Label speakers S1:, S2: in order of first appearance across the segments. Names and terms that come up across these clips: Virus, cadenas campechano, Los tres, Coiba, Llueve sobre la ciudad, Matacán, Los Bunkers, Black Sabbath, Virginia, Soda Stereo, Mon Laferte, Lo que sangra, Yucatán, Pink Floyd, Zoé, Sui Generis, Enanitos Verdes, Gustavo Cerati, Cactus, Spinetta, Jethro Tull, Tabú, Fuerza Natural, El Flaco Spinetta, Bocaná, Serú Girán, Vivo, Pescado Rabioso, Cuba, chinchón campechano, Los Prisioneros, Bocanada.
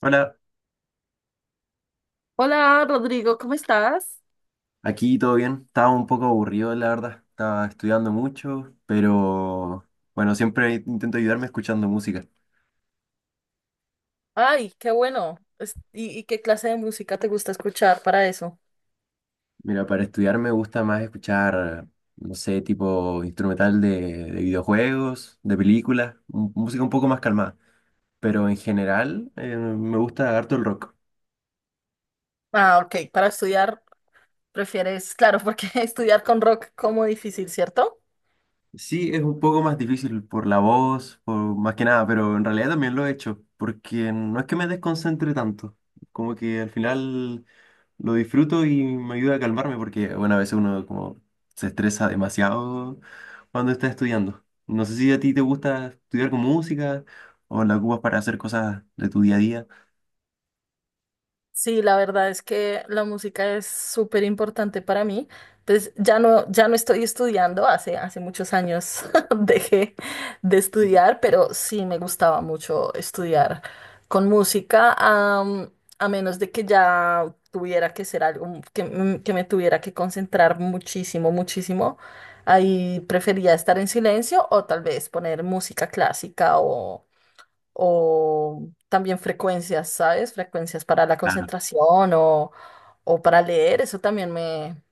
S1: Hola,
S2: Hola Rodrigo, ¿cómo estás?
S1: aquí todo bien. Estaba un poco aburrido, la verdad. Estaba estudiando mucho, pero bueno, siempre intento ayudarme escuchando música.
S2: Ay, qué bueno. ¿Y qué clase de música te gusta escuchar para eso?
S1: Mira, para estudiar me gusta más escuchar, no sé, tipo instrumental de videojuegos, de películas, música un poco más calmada. Pero en general me gusta harto el rock.
S2: Ah, ok, para estudiar prefieres, claro, porque estudiar con rock como difícil, ¿cierto?
S1: Sí, es un poco más difícil por la voz, por más que nada, pero en realidad también lo he hecho, porque no es que me desconcentre tanto. Como que al final lo disfruto y me ayuda a calmarme porque, bueno, a veces uno como se estresa demasiado cuando está estudiando. No sé si a ti te gusta estudiar con música o la ocupas para hacer cosas de tu día a día.
S2: Sí, la verdad es que la música es súper importante para mí. Entonces, ya no estoy estudiando, hace muchos años dejé de estudiar, pero sí me gustaba mucho estudiar con música, a menos de que ya tuviera que ser algo que me tuviera que concentrar muchísimo, muchísimo. Ahí prefería estar en silencio o tal vez poner música clásica o también frecuencias, ¿sabes? Frecuencias para la
S1: Claro.
S2: concentración o para leer,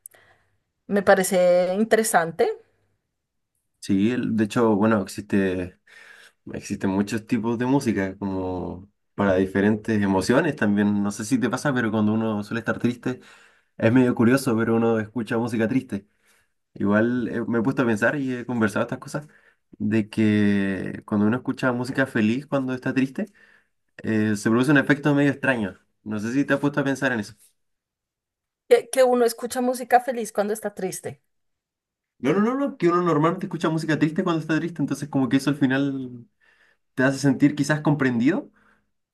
S2: me parece interesante.
S1: Sí, de hecho, bueno, existen muchos tipos de música como para diferentes emociones también. No sé si te pasa, pero cuando uno suele estar triste, es medio curioso, pero uno escucha música triste. Igual me he puesto a pensar y he conversado estas cosas de que cuando uno escucha música feliz cuando está triste, se produce un efecto medio extraño. No sé si te has puesto a pensar en eso.
S2: Que uno escucha música feliz cuando está triste.
S1: No, no, no, no, que uno normalmente escucha música triste cuando está triste, entonces como que eso al final te hace sentir quizás comprendido,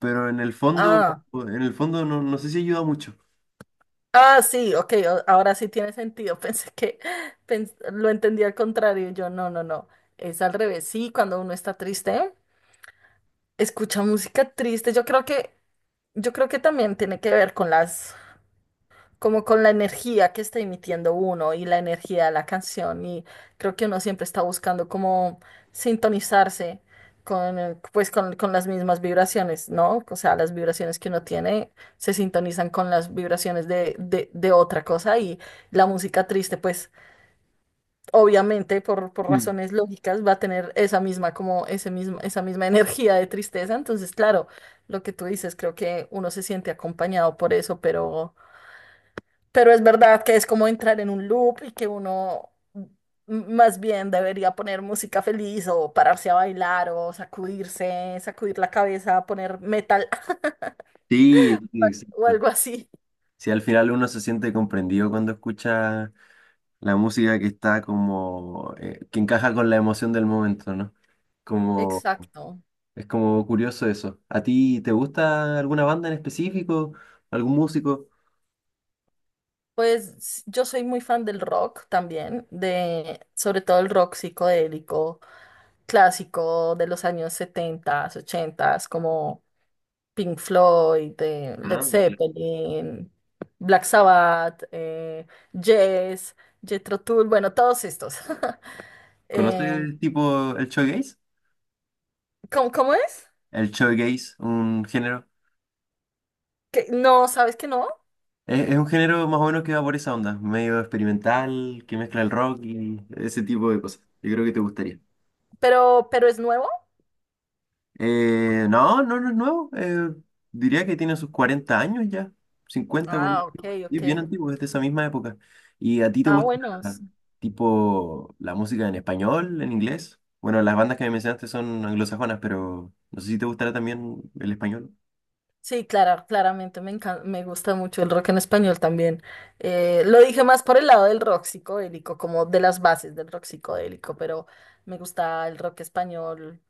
S1: pero
S2: Ah,
S1: en el fondo no, no sé si ayuda mucho.
S2: ah, sí, ok, ahora sí tiene sentido. Lo entendí al contrario. Yo, no, no, No, es al revés. Sí, cuando uno está triste, escucha música triste. Yo creo que también tiene que ver con las como con la energía que está emitiendo uno y la energía de la canción. Y creo que uno siempre está buscando como sintonizarse con con las mismas vibraciones, ¿no? O sea, las vibraciones que uno tiene se sintonizan con las vibraciones de otra cosa y la música triste, pues, obviamente, por
S1: Mm.
S2: razones lógicas, va a tener esa misma, como ese mismo, esa misma energía de tristeza. Entonces, claro, lo que tú dices, creo que uno se siente acompañado por eso, pero... Pero es verdad que es como entrar en un loop y que más bien debería poner música feliz o pararse a bailar o sacudirse, sacudir la cabeza, poner metal
S1: Sí, sí,
S2: o
S1: exacto.
S2: algo así.
S1: Si al final uno se siente comprendido cuando escucha la música que está como, que encaja con la emoción del momento, ¿no? Como,
S2: Exacto.
S1: es como curioso eso. ¿A ti te gusta alguna banda en específico? ¿Algún músico?
S2: Yo soy muy fan del rock también, de sobre todo el rock psicodélico clásico de los años 70, 80, como Pink Floyd, Led
S1: Ah, ok.
S2: Zeppelin, Black Sabbath, Jess, Jethro Tull, bueno, todos estos. Em,
S1: ¿Conoces tipo el shoegaze?
S2: cómo es?
S1: El shoegaze, un género.
S2: ¿Que no, sabes que no?
S1: Es un género más o menos que va por esa onda, medio experimental, que mezcla el rock y ese tipo de cosas. Yo creo que te gustaría.
S2: Pero es nuevo?
S1: No, no, no es nuevo. Diría que tiene sus 40 años ya. Cincuenta, 40.
S2: Ah, ok,
S1: Y
S2: ok.
S1: es bien antiguo, es de esa misma época. ¿Y a ti te
S2: Ah,
S1: gusta
S2: bueno. s-
S1: tipo la música en español, en inglés? Bueno, las bandas que me mencionaste son anglosajonas, pero no sé si te gustará también el español.
S2: Sí, claro, claramente me encanta, me gusta mucho el rock en español también. Lo dije más por el lado del rock psicodélico, como de las bases del rock psicodélico, pero me gusta el rock español.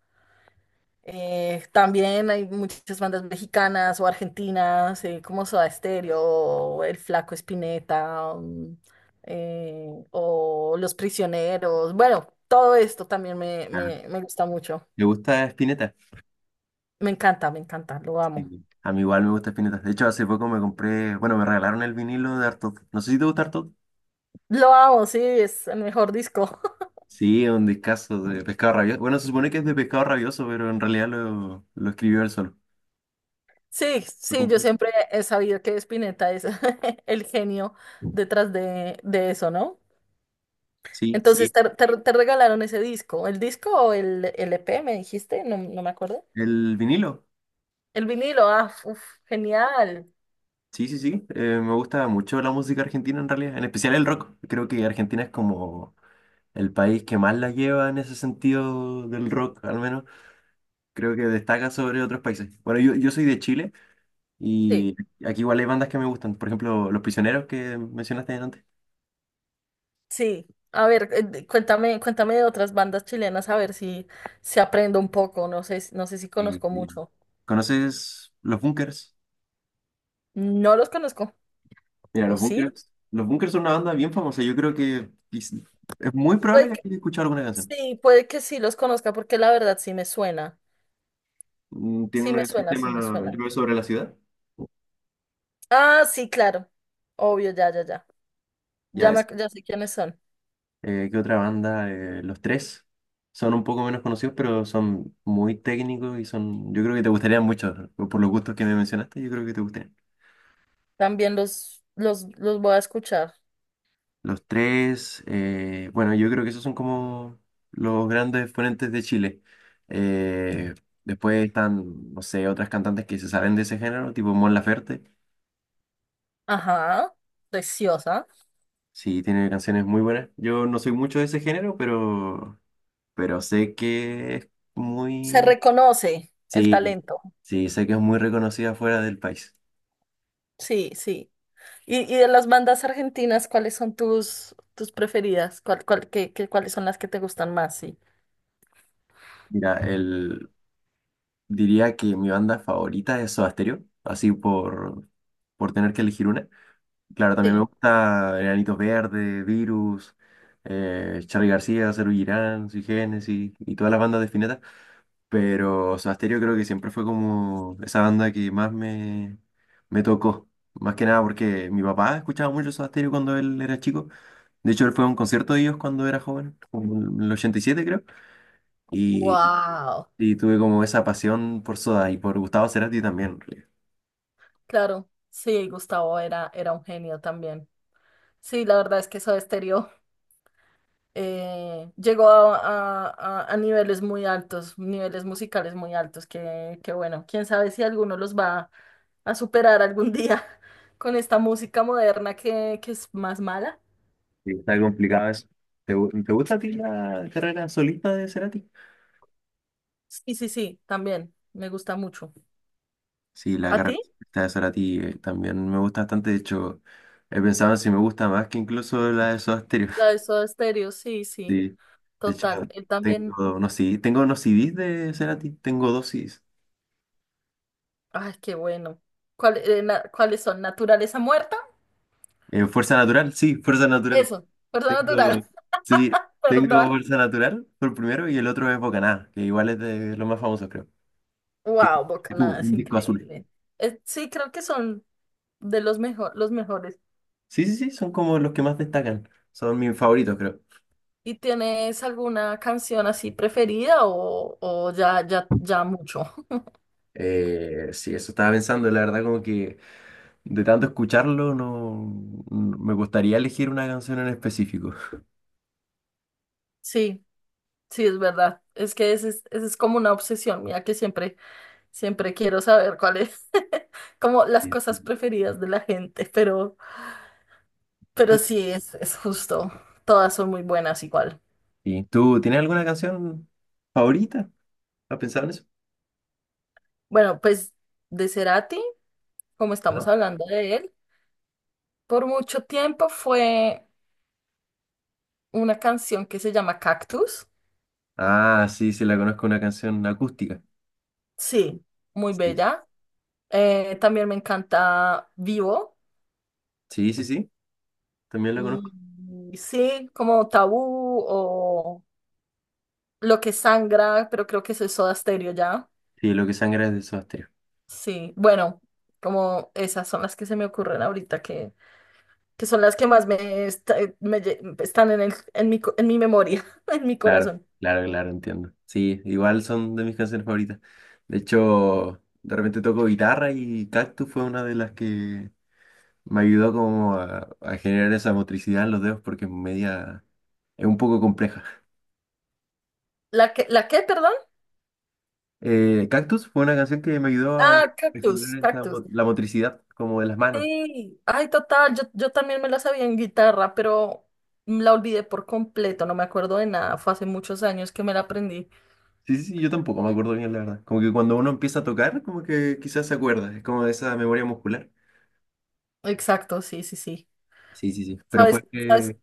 S2: También hay muchas bandas mexicanas o argentinas, como Soda Stereo, El Flaco Spinetta, o Los Prisioneros. Bueno, todo esto también
S1: Ah,
S2: me gusta mucho.
S1: ¿te gusta Spinetta?
S2: Me encanta, lo amo.
S1: Sí. A mí igual me gusta Spinetta. De hecho, hace poco me compré, bueno, me regalaron el vinilo de Artaud. No sé si te gusta.
S2: Lo amo, sí, es el mejor disco.
S1: Sí, es un discazo de Pescado Rabioso. Bueno, se supone que es de Pescado Rabioso, pero en realidad lo escribió él solo.
S2: Sí,
S1: Lo
S2: sí, yo
S1: compuso.
S2: siempre he sabido que Spinetta es el genio detrás de eso, ¿no?
S1: Sí,
S2: Entonces,
S1: sí.
S2: te regalaron ese disco. ¿El disco o el EP me dijiste? No, no me acuerdo.
S1: El vinilo.
S2: El vinilo, ah, uf, genial.
S1: Sí, sí, sí. Me gusta mucho la música argentina en realidad, en especial el rock. Creo que Argentina es como el país que más la lleva en ese sentido del rock, al menos. Creo que destaca sobre otros países. Bueno, yo soy de Chile
S2: Sí,
S1: y aquí igual hay bandas que me gustan. Por ejemplo, Los Prisioneros que mencionaste antes.
S2: sí. A ver, cuéntame, cuéntame de otras bandas chilenas, a ver si, si aprendo un poco. No sé, no sé si
S1: Eh,
S2: conozco mucho.
S1: ¿Conoces Los Bunkers?
S2: No los conozco.
S1: Mira,
S2: ¿O sí?
S1: Los Bunkers son una banda bien famosa. Yo creo que es muy probable
S2: Puede
S1: que
S2: que-
S1: hayas escuchado alguna canción.
S2: sí, puede que sí los conozca, porque la verdad sí me suena.
S1: Mm, tiene
S2: Sí
S1: una
S2: me
S1: canción
S2: suena,
S1: que se
S2: sí me
S1: llama
S2: suena.
S1: Llueve sobre la ciudad.
S2: Ah, sí, claro. Obvio, ya, ya, ya.
S1: Ya es.
S2: Ya sé quiénes son.
S1: ¿Qué otra banda? Los Tres son un poco menos conocidos, pero son muy técnicos y son. Yo creo que te gustarían mucho. Por los gustos que me mencionaste, yo creo que te gustarían.
S2: También los voy a escuchar.
S1: Los Tres, bueno, yo creo que esos son como los grandes exponentes de Chile. Eh, después están, no sé, otras cantantes que se salen de ese género, tipo Mon Laferte.
S2: Ajá. Preciosa.
S1: Sí, tiene canciones muy buenas. Yo no soy mucho de ese género, pero sé que es
S2: Se
S1: muy...
S2: reconoce el
S1: Sí,
S2: talento.
S1: sí, sé que es muy reconocida fuera del país.
S2: Sí, sí. Y de las bandas argentinas, ¿cuáles son tus preferidas? Cuáles son las que te gustan más? Sí.
S1: Mira, el... Diría que mi banda favorita es Soda Stereo, así por tener que elegir una. Claro, también me
S2: Sí.
S1: gusta Enanitos Verdes, Virus, Charly García, Serú Girán, Sui Generis y todas las bandas de Spinetta. Pero Sobasterio creo que siempre fue como esa banda que más me, me tocó. Más que nada porque mi papá escuchaba mucho Soda Stereo cuando él era chico. De hecho, él fue a un concierto de ellos cuando era joven, como en el 87 creo. Y,
S2: Wow.
S1: y tuve como esa pasión por Soda y por Gustavo Cerati también. En realidad.
S2: Claro. Sí, Gustavo era un genio también. Sí, la verdad es que Soda Stereo llegó a niveles muy altos, niveles musicales muy altos, que bueno, quién sabe si alguno los va a superar algún día con esta música moderna que es más mala.
S1: Sí, está complicado eso. ¿Te, te gusta a ti la carrera solista de Cerati?
S2: Sí, sí, sí, también me gusta mucho.
S1: Sí, la
S2: ¿A ti?
S1: carrera solista de Cerati también me gusta bastante. De hecho, he pensado en si me gusta más que incluso la de Soda Stereo.
S2: La de Soda Stereo, sí, sí,
S1: Sí, de hecho,
S2: total. Él también.
S1: tengo, no, sí, tengo unos CDs de Cerati, tengo dos CDs.
S2: Ay, qué bueno. ¿Cuáles son? ¿Naturaleza muerta?
S1: Fuerza Natural, sí, Fuerza Natural.
S2: Eso, perdón,
S1: Tengo,
S2: natural,
S1: sí, tengo
S2: perdón.
S1: Fuerza Natural por el primero y el otro es Bocaná, que igual es de los más famosos, creo. Que
S2: Wow,
S1: que tuvo
S2: Bocanada es
S1: un disco azul.
S2: increíble. Sí, creo que son de los mejor, los mejores.
S1: Sí, sí, sí, son como los que más destacan. Son mis favoritos, creo.
S2: ¿Y tienes alguna canción así preferida o ya, ya, ya mucho?
S1: Sí, eso estaba pensando, la verdad, como que de tanto escucharlo, me gustaría elegir una canción en específico.
S2: Sí, sí, es verdad. Es que ese es como una obsesión mía que siempre, siempre quiero saber cuál es como las
S1: Bien.
S2: cosas preferidas de la gente, pero sí, es justo. Todas son muy buenas igual.
S1: ¿Y tú tienes alguna canción favorita? ¿Has pensado en eso?
S2: Bueno, pues de Cerati, como estamos
S1: ¿No?
S2: hablando de él, por mucho tiempo fue una canción que se llama Cactus.
S1: Ah, sí, sí, la conozco, una canción acústica.
S2: Sí, muy
S1: Sí,
S2: bella. También me encanta Vivo.
S1: sí, sí, sí, también la conozco.
S2: Y sí, como Tabú o Lo que sangra, pero creo que eso es Soda Stereo ya.
S1: Sí, Lo que sangra es de Soda Stereo.
S2: Sí, bueno, como esas son las que se me ocurren ahorita que son las que más me, esta- me lle- están en mi, en mi memoria, en mi
S1: Claro,
S2: corazón.
S1: claro, claro, entiendo. Sí, igual son de mis canciones favoritas. De hecho, de repente toco guitarra y Cactus fue una de las que me ayudó como a generar esa motricidad en los dedos porque es media, es un poco compleja.
S2: La qué, perdón?
S1: Cactus fue una canción que me ayudó
S2: Ah,
S1: a
S2: cactus,
S1: generar esa
S2: cactus.
S1: la motricidad como de las manos.
S2: Sí, ay, total, yo también me la sabía en guitarra, pero la olvidé por completo, no me acuerdo de nada, fue hace muchos años que me la aprendí.
S1: Sí, sí, sí, yo tampoco me acuerdo bien, la verdad. Como que cuando uno empieza a tocar, como que quizás se acuerda, es como de esa memoria muscular.
S2: Exacto, sí, sí, sí.
S1: Sí, sí, sí. Pero
S2: ¿Sabes?
S1: fue
S2: ¿Sabes?
S1: que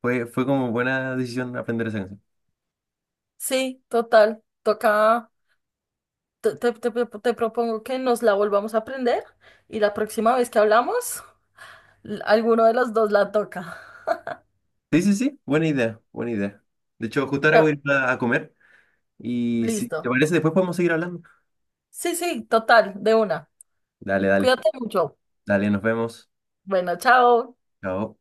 S1: fue como buena decisión aprender esa canción.
S2: Sí, total, toca, te propongo que nos la volvamos a aprender y la próxima vez que hablamos, alguno de los dos la toca.
S1: Sí, sí, sí, buena idea, buena idea. De hecho, justo ahora voy a ir a comer y si te
S2: Listo.
S1: parece, después podemos seguir hablando.
S2: Sí, sí, total, de una.
S1: Dale, dale,
S2: Cuídate mucho.
S1: dale, nos vemos.
S2: Bueno, chao.
S1: Chao.